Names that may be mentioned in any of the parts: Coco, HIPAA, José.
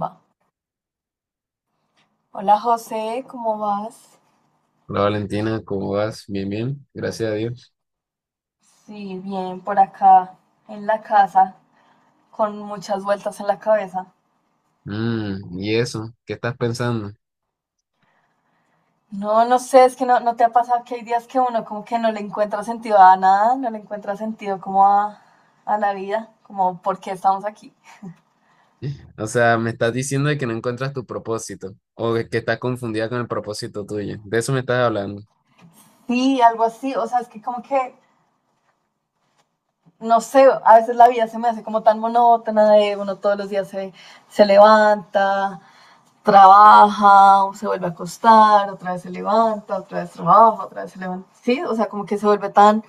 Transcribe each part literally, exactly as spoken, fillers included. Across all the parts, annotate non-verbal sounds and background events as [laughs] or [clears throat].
Va. Hola José, ¿cómo vas? Hola Valentina, ¿cómo vas? Bien, bien, gracias a Dios. Sí, bien, por acá en la casa, con muchas vueltas en la cabeza. Mm, ¿y eso? ¿Qué estás pensando? No, no sé, es que no, no te ha pasado que hay días que uno como que no le encuentra sentido a nada, no le encuentra sentido como a, a la vida, como por qué estamos aquí. O sea, me estás diciendo de que no encuentras tu propósito o de que estás confundida con el propósito tuyo. De eso me estás hablando. Sí, algo así, o sea, es que como que, no sé, a veces la vida se me hace como tan monótona de uno todos los días se, se levanta, trabaja, se vuelve a acostar, otra vez se levanta, otra vez trabaja, otra vez se levanta. Sí, o sea, como que se vuelve tan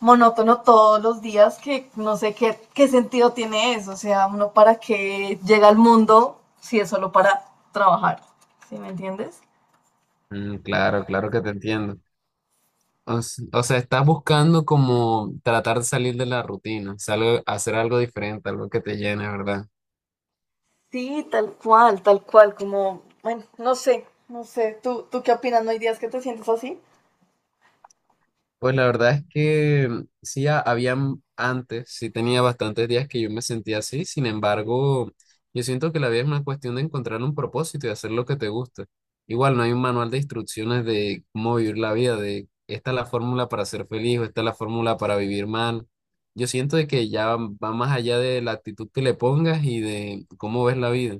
monótono todos los días que no sé qué, qué sentido tiene eso. O sea, uno para qué llega al mundo si es solo para trabajar. ¿Sí me entiendes? Mm, claro, claro que te entiendo. O, s- o sea, estás buscando como tratar de salir de la rutina, o sea, algo- hacer algo diferente, algo que te llene, ¿verdad? Sí, tal cual, tal cual, como, bueno, no sé, no sé. ¿Tú, tú qué opinas? ¿No hay días que te sientes así? Pues la verdad es que mm, sí, ha- habían antes, sí tenía bastantes días que yo me sentía así. Sin embargo, yo siento que la vida es una cuestión de encontrar un propósito y hacer lo que te gusta. Igual no hay un manual de instrucciones de cómo vivir la vida, de esta es la fórmula para ser feliz o esta es la fórmula para vivir mal. Yo siento de que ya va más allá de la actitud que le pongas y de cómo ves la vida.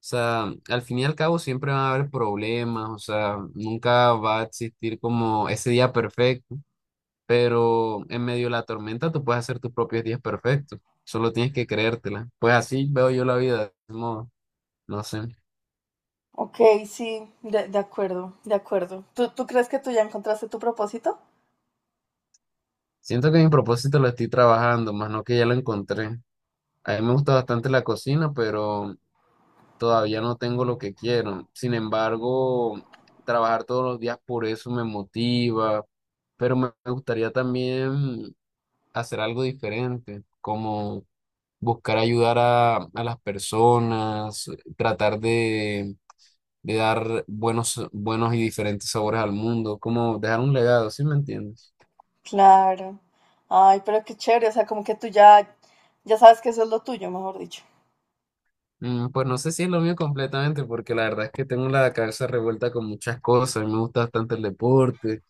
O sea, al fin y al cabo siempre van a haber problemas, o sea, nunca va a existir como ese día perfecto, pero en medio de la tormenta tú puedes hacer tus propios días perfectos, solo tienes que creértela. Pues así veo yo la vida, de modo, no sé. Ok, sí, de, de acuerdo, de acuerdo. ¿Tú, ¿Tú crees que tú ya encontraste tu propósito? Siento que mi propósito lo estoy trabajando, más no que ya lo encontré. A mí me gusta bastante la cocina, pero todavía no tengo lo que quiero. Sin embargo, trabajar todos los días por eso me motiva, pero me me gustaría también hacer algo diferente, como buscar ayudar a, a las personas, tratar de, de dar buenos, buenos y diferentes sabores al mundo, como dejar un legado, ¿sí me entiendes? Claro. Ay, pero qué chévere, o sea, como que tú ya, ya sabes que eso es lo tuyo, mejor dicho. Mm, pues no sé si es lo mío completamente, porque la verdad es que tengo la cabeza revuelta con muchas cosas, me gusta bastante el deporte.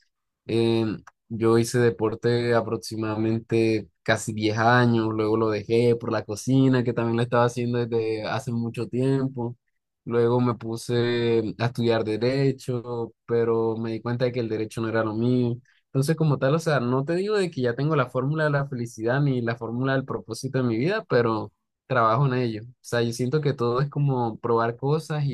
Em, yo hice deporte aproximadamente casi diez años, luego lo dejé por la cocina, que también lo estaba haciendo desde hace mucho tiempo. Luego me puse a estudiar derecho, pero me di cuenta de que el derecho no era lo mío. Entonces, como tal, o sea, no te digo de que ya tengo la fórmula de la felicidad ni la fórmula del propósito de mi vida, pero trabajo en ello. O sea, yo siento que todo es como probar cosas,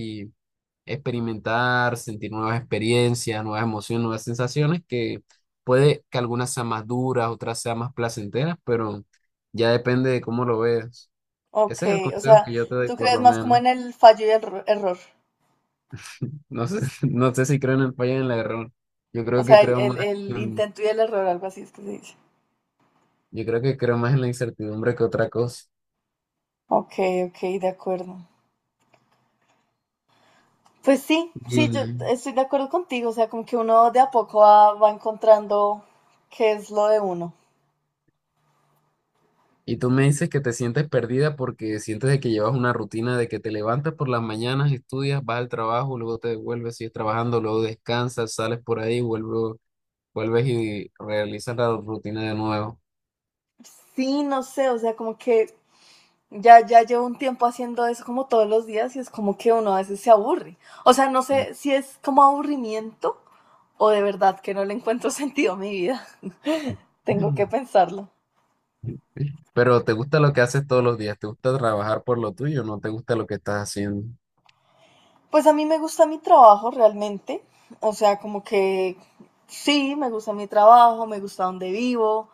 experimentar, sentir nuevas experiencias, nuevas emociones, nuevas sensaciones, que puede que algunas sean más duras, otras sean más placenteras, pero ya depende de cómo lo veas. Ok, Ese es el o consejo sea, que yo te doy, tú por crees lo más como menos. en el fallo y el erro- error. No sé, [laughs] no sé si creo en el fallo y en el error. Yo O creo que sea, el, creo el, más, el en- intento y el error, algo así es que se dice. yo creo que creo más en la incertidumbre que otra cosa. Ok, ok, de acuerdo. Pues sí, Y sí, yo estoy de acuerdo contigo, o sea, como que uno de a poco va, va encontrando qué es lo de uno. Y tú me dices que te sientes perdida porque sientes de que llevas una rutina de que te levantas por las mañanas, estudias, vas al trabajo, luego te devuelves, sigues trabajando, luego descansas, sales por ahí, vuelvo- vuelves y realizas la rutina de nuevo. Sí, no sé, o sea, como que Ya, ya llevo un tiempo haciendo eso como todos los días y es como que uno a veces se aburre. O sea, no Mm. sé si es como aburrimiento o de verdad que no le encuentro [laughs] sentido a mi vida. [laughs] Tengo que [clears throat] pensarlo. Pero te gusta lo que haces todos los días, te gusta trabajar por lo tuyo, no te gusta lo que estás haciendo. Pues a mí me gusta mi trabajo realmente. O sea, como que sí, me gusta mi trabajo, me gusta donde vivo,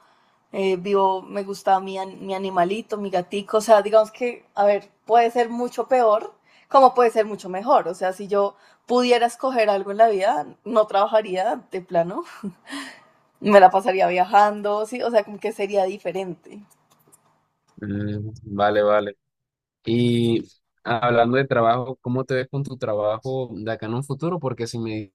eh, vivo, me gusta mi, an- mi animalito, mi gatico, o sea, digamos que, a ver, puede ser mucho peor, como puede ser mucho mejor, o sea, si yo pudiera escoger algo en la vida, no trabajaría de plano, me la pasaría viajando, sí, o sea, como que sería diferente. Mm, vale, vale. Y hablando de trabajo, ¿cómo te ves con tu trabajo de acá en un futuro? Porque si me...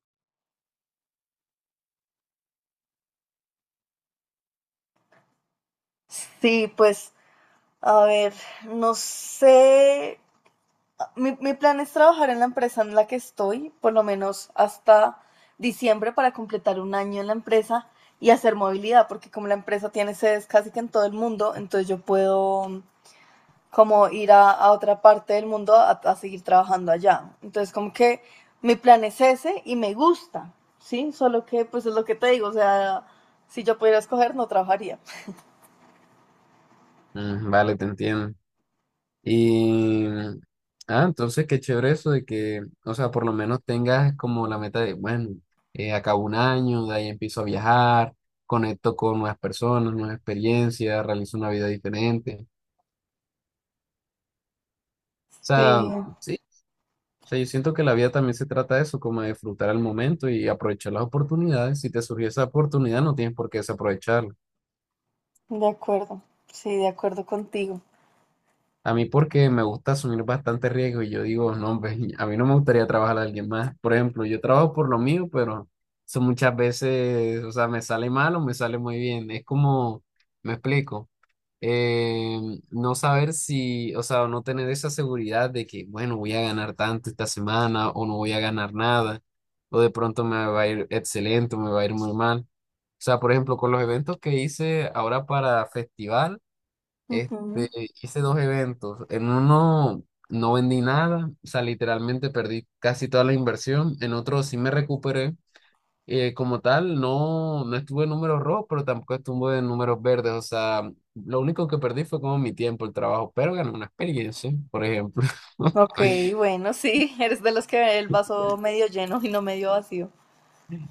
Sí, pues, a ver, no sé, Mi, mi plan es trabajar en la empresa en la que estoy, por lo menos hasta diciembre, para completar un año en la empresa y hacer movilidad, porque como la empresa tiene sedes casi que en todo el mundo, entonces yo puedo mm, como ir a, a otra parte del mundo a, a seguir trabajando allá. Entonces como que mi plan es ese y me gusta, ¿sí? Solo que pues es lo que te digo, o sea, si yo pudiera escoger no trabajaría. Mm, vale, te entiendo. Y, ah, entonces qué chévere eso de que, o sea, por lo menos tengas como la meta de, bueno, eh, acabo un año, de ahí empiezo a viajar, conecto con nuevas personas, nuevas experiencias, realizo una vida diferente. O Sí, sea, sí, o sea, yo siento que la vida también se trata de eso, como de disfrutar el momento y aprovechar las oportunidades. Si te surgió esa oportunidad, no tienes por qué desaprovecharla. de acuerdo, sí, de acuerdo contigo. A mí porque me gusta asumir bastante riesgo y yo digo, no, hombre, [laughs] a mí no me gustaría trabajar a alguien más. Por ejemplo, yo trabajo por lo mío, pero eso muchas veces, o sea, me sale mal o me sale muy bien. Es como, me explico, eh, no saber si, o sea, no tener esa seguridad de que, bueno, voy a ganar tanto esta semana o no voy a ganar nada, o de pronto me va a ir excelente o me va a ir muy mal. O sea, por ejemplo, con los eventos que hice ahora para festival. Este, Ujú. hice dos eventos. En uno no vendí nada, o sea, literalmente perdí casi toda la inversión. En otro sí me recuperé. Eh, como tal, no, no estuve en números rojos, pero tampoco estuve en números verdes. O sea, lo único que perdí fue como mi tiempo, el trabajo, pero gané una experiencia, por ejemplo. Ok, [laughs] bueno, sí, [laughs] eres de los que ve el vaso medio lleno y no medio vacío.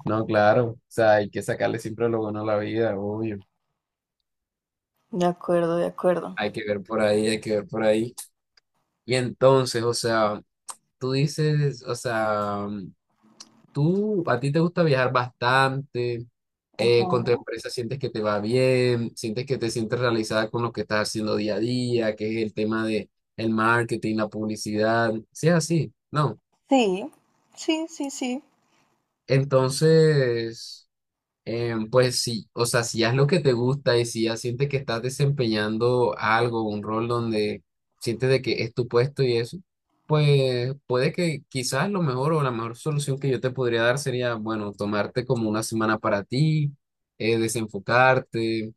No, claro, o sea, hay que sacarle siempre lo bueno a la vida, obvio. De acuerdo, de acuerdo. Hay que ver por ahí, hay que ver por ahí. Y entonces, o sea, tú dices, o sea... Tú, a ti te gusta viajar bastante, Ajá. eh, con tu empresa sientes que te va bien, sientes que te sientes realizada con lo que estás haciendo día a día, que es el tema de el marketing, la publicidad, si es así, no. Sí, sí, sí, sí. Entonces. Eh, pues sí, o sea, si haz lo que te gusta y si ya sientes que estás desempeñando algo, un rol donde sientes de que es tu puesto y eso, pues puede que quizás lo mejor o la mejor solución que yo te podría dar sería, bueno, tomarte como una semana para ti, eh, desenfocarte,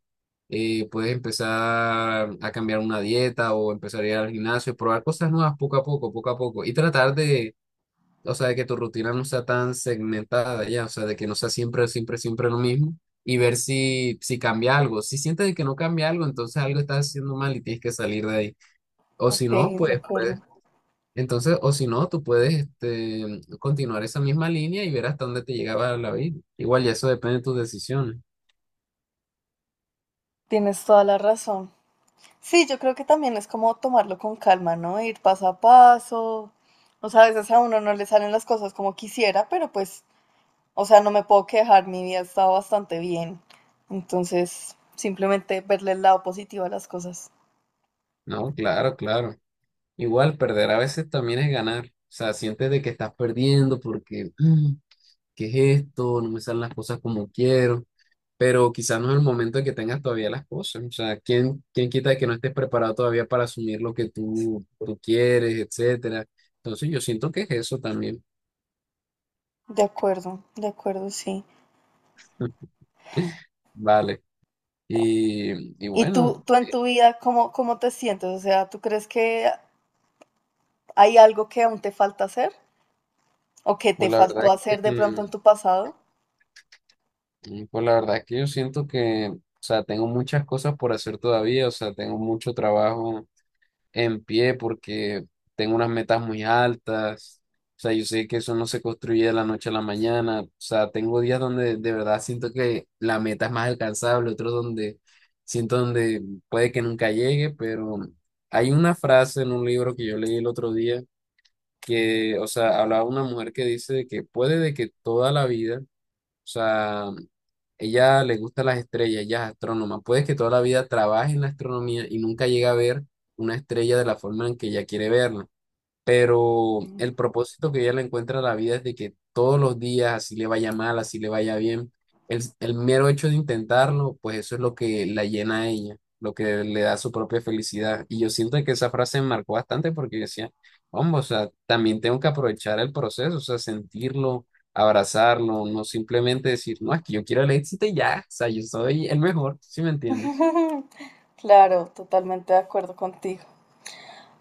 eh, puedes empezar a cambiar una dieta o empezar a ir al gimnasio, probar cosas nuevas poco a poco, poco a poco y tratar de, o sea, de que tu rutina no sea tan segmentada ya, o sea, de que no sea siempre, siempre, siempre lo mismo y ver si, si cambia algo. Si sientes de que no cambia algo, entonces algo estás haciendo mal y tienes que salir de ahí. O si Ok, no, de pues, acuerdo. pues, entonces, o si no, tú puedes este, continuar esa misma línea y ver hasta dónde te llegaba la vida. Igual, y eso depende de tus decisiones. Tienes toda la razón. Sí, yo creo que también es como tomarlo con calma, ¿no? Ir paso a paso. O sea, a veces a uno no le salen las cosas como quisiera, pero pues, o sea, no me puedo quejar, mi vida está bastante bien. Entonces, simplemente verle el lado positivo a las cosas. No, claro, claro. Igual, perder a veces también es ganar. O sea, sientes de que estás perdiendo porque, "Mm, ¿qué es esto? No me salen las cosas como quiero". Pero quizás no es el momento en que tengas todavía las cosas. O sea, ¿quién, quién quita que no estés preparado todavía para asumir lo que tú, tú quieres, etcétera? Entonces yo siento que es eso también. De acuerdo, de acuerdo, sí. [laughs] Vale. Y, y ¿Y bueno, tú, tú en tu vida cómo, cómo te sientes? O sea, ¿tú crees que hay algo que aún te falta hacer o que te pues la verdad faltó es hacer que, de pronto en tu pasado? mm, pues la verdad es que yo siento que, o sea, tengo muchas cosas por hacer todavía, o sea, tengo mucho trabajo en pie porque tengo unas metas muy altas. O sea, yo sé que eso no se construye de la noche a la mañana. O sea, tengo días donde de verdad siento que la meta es más alcanzable, otros donde siento donde puede que nunca llegue, pero hay una frase en un libro que yo leí el otro día que, o sea, hablaba una mujer que dice que puede de que toda la vida, o sea, ella le gusta las estrellas, ella es astrónoma. Puede que toda la vida trabaje en la astronomía y nunca llegue a ver una estrella de la forma en que ella quiere verla, pero el propósito que ella le encuentra a la vida es de que todos los días, así le vaya mal, así le vaya bien, el, el mero hecho de intentarlo, pues eso es lo que la llena a ella, lo que le da su propia felicidad. Y yo siento que esa frase me marcó bastante porque yo decía, vamos, o sea, también tengo que aprovechar el proceso, o sea, sentirlo, abrazarlo, no simplemente decir, no, es que yo quiero el éxito y ya, o sea, yo soy el mejor, ¿si me entiendes? Claro, totalmente de acuerdo contigo.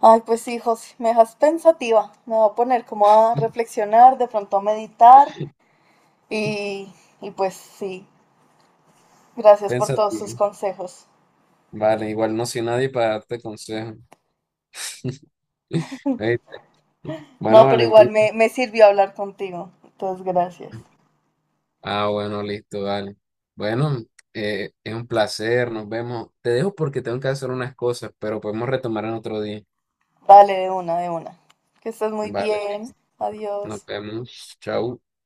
Ay, pues sí, José, me dejas pensativa. Me voy a poner como a [laughs] reflexionar, de pronto a meditar y, y pues sí, gracias por todos tus Pensativo. consejos. Vale, igual no soy nadie para darte consejo. [laughs] Ey, bueno, No, pero igual Valentín. me, me sirvió hablar contigo. Entonces, gracias. Ah, bueno, listo, dale. Bueno, eh, es un placer, nos vemos. Te dejo porque tengo que hacer unas cosas, pero podemos retomar en otro día. Vale, de una, de una. Que estés muy Vale, bien. listo. Nos Adiós. vemos. Chau.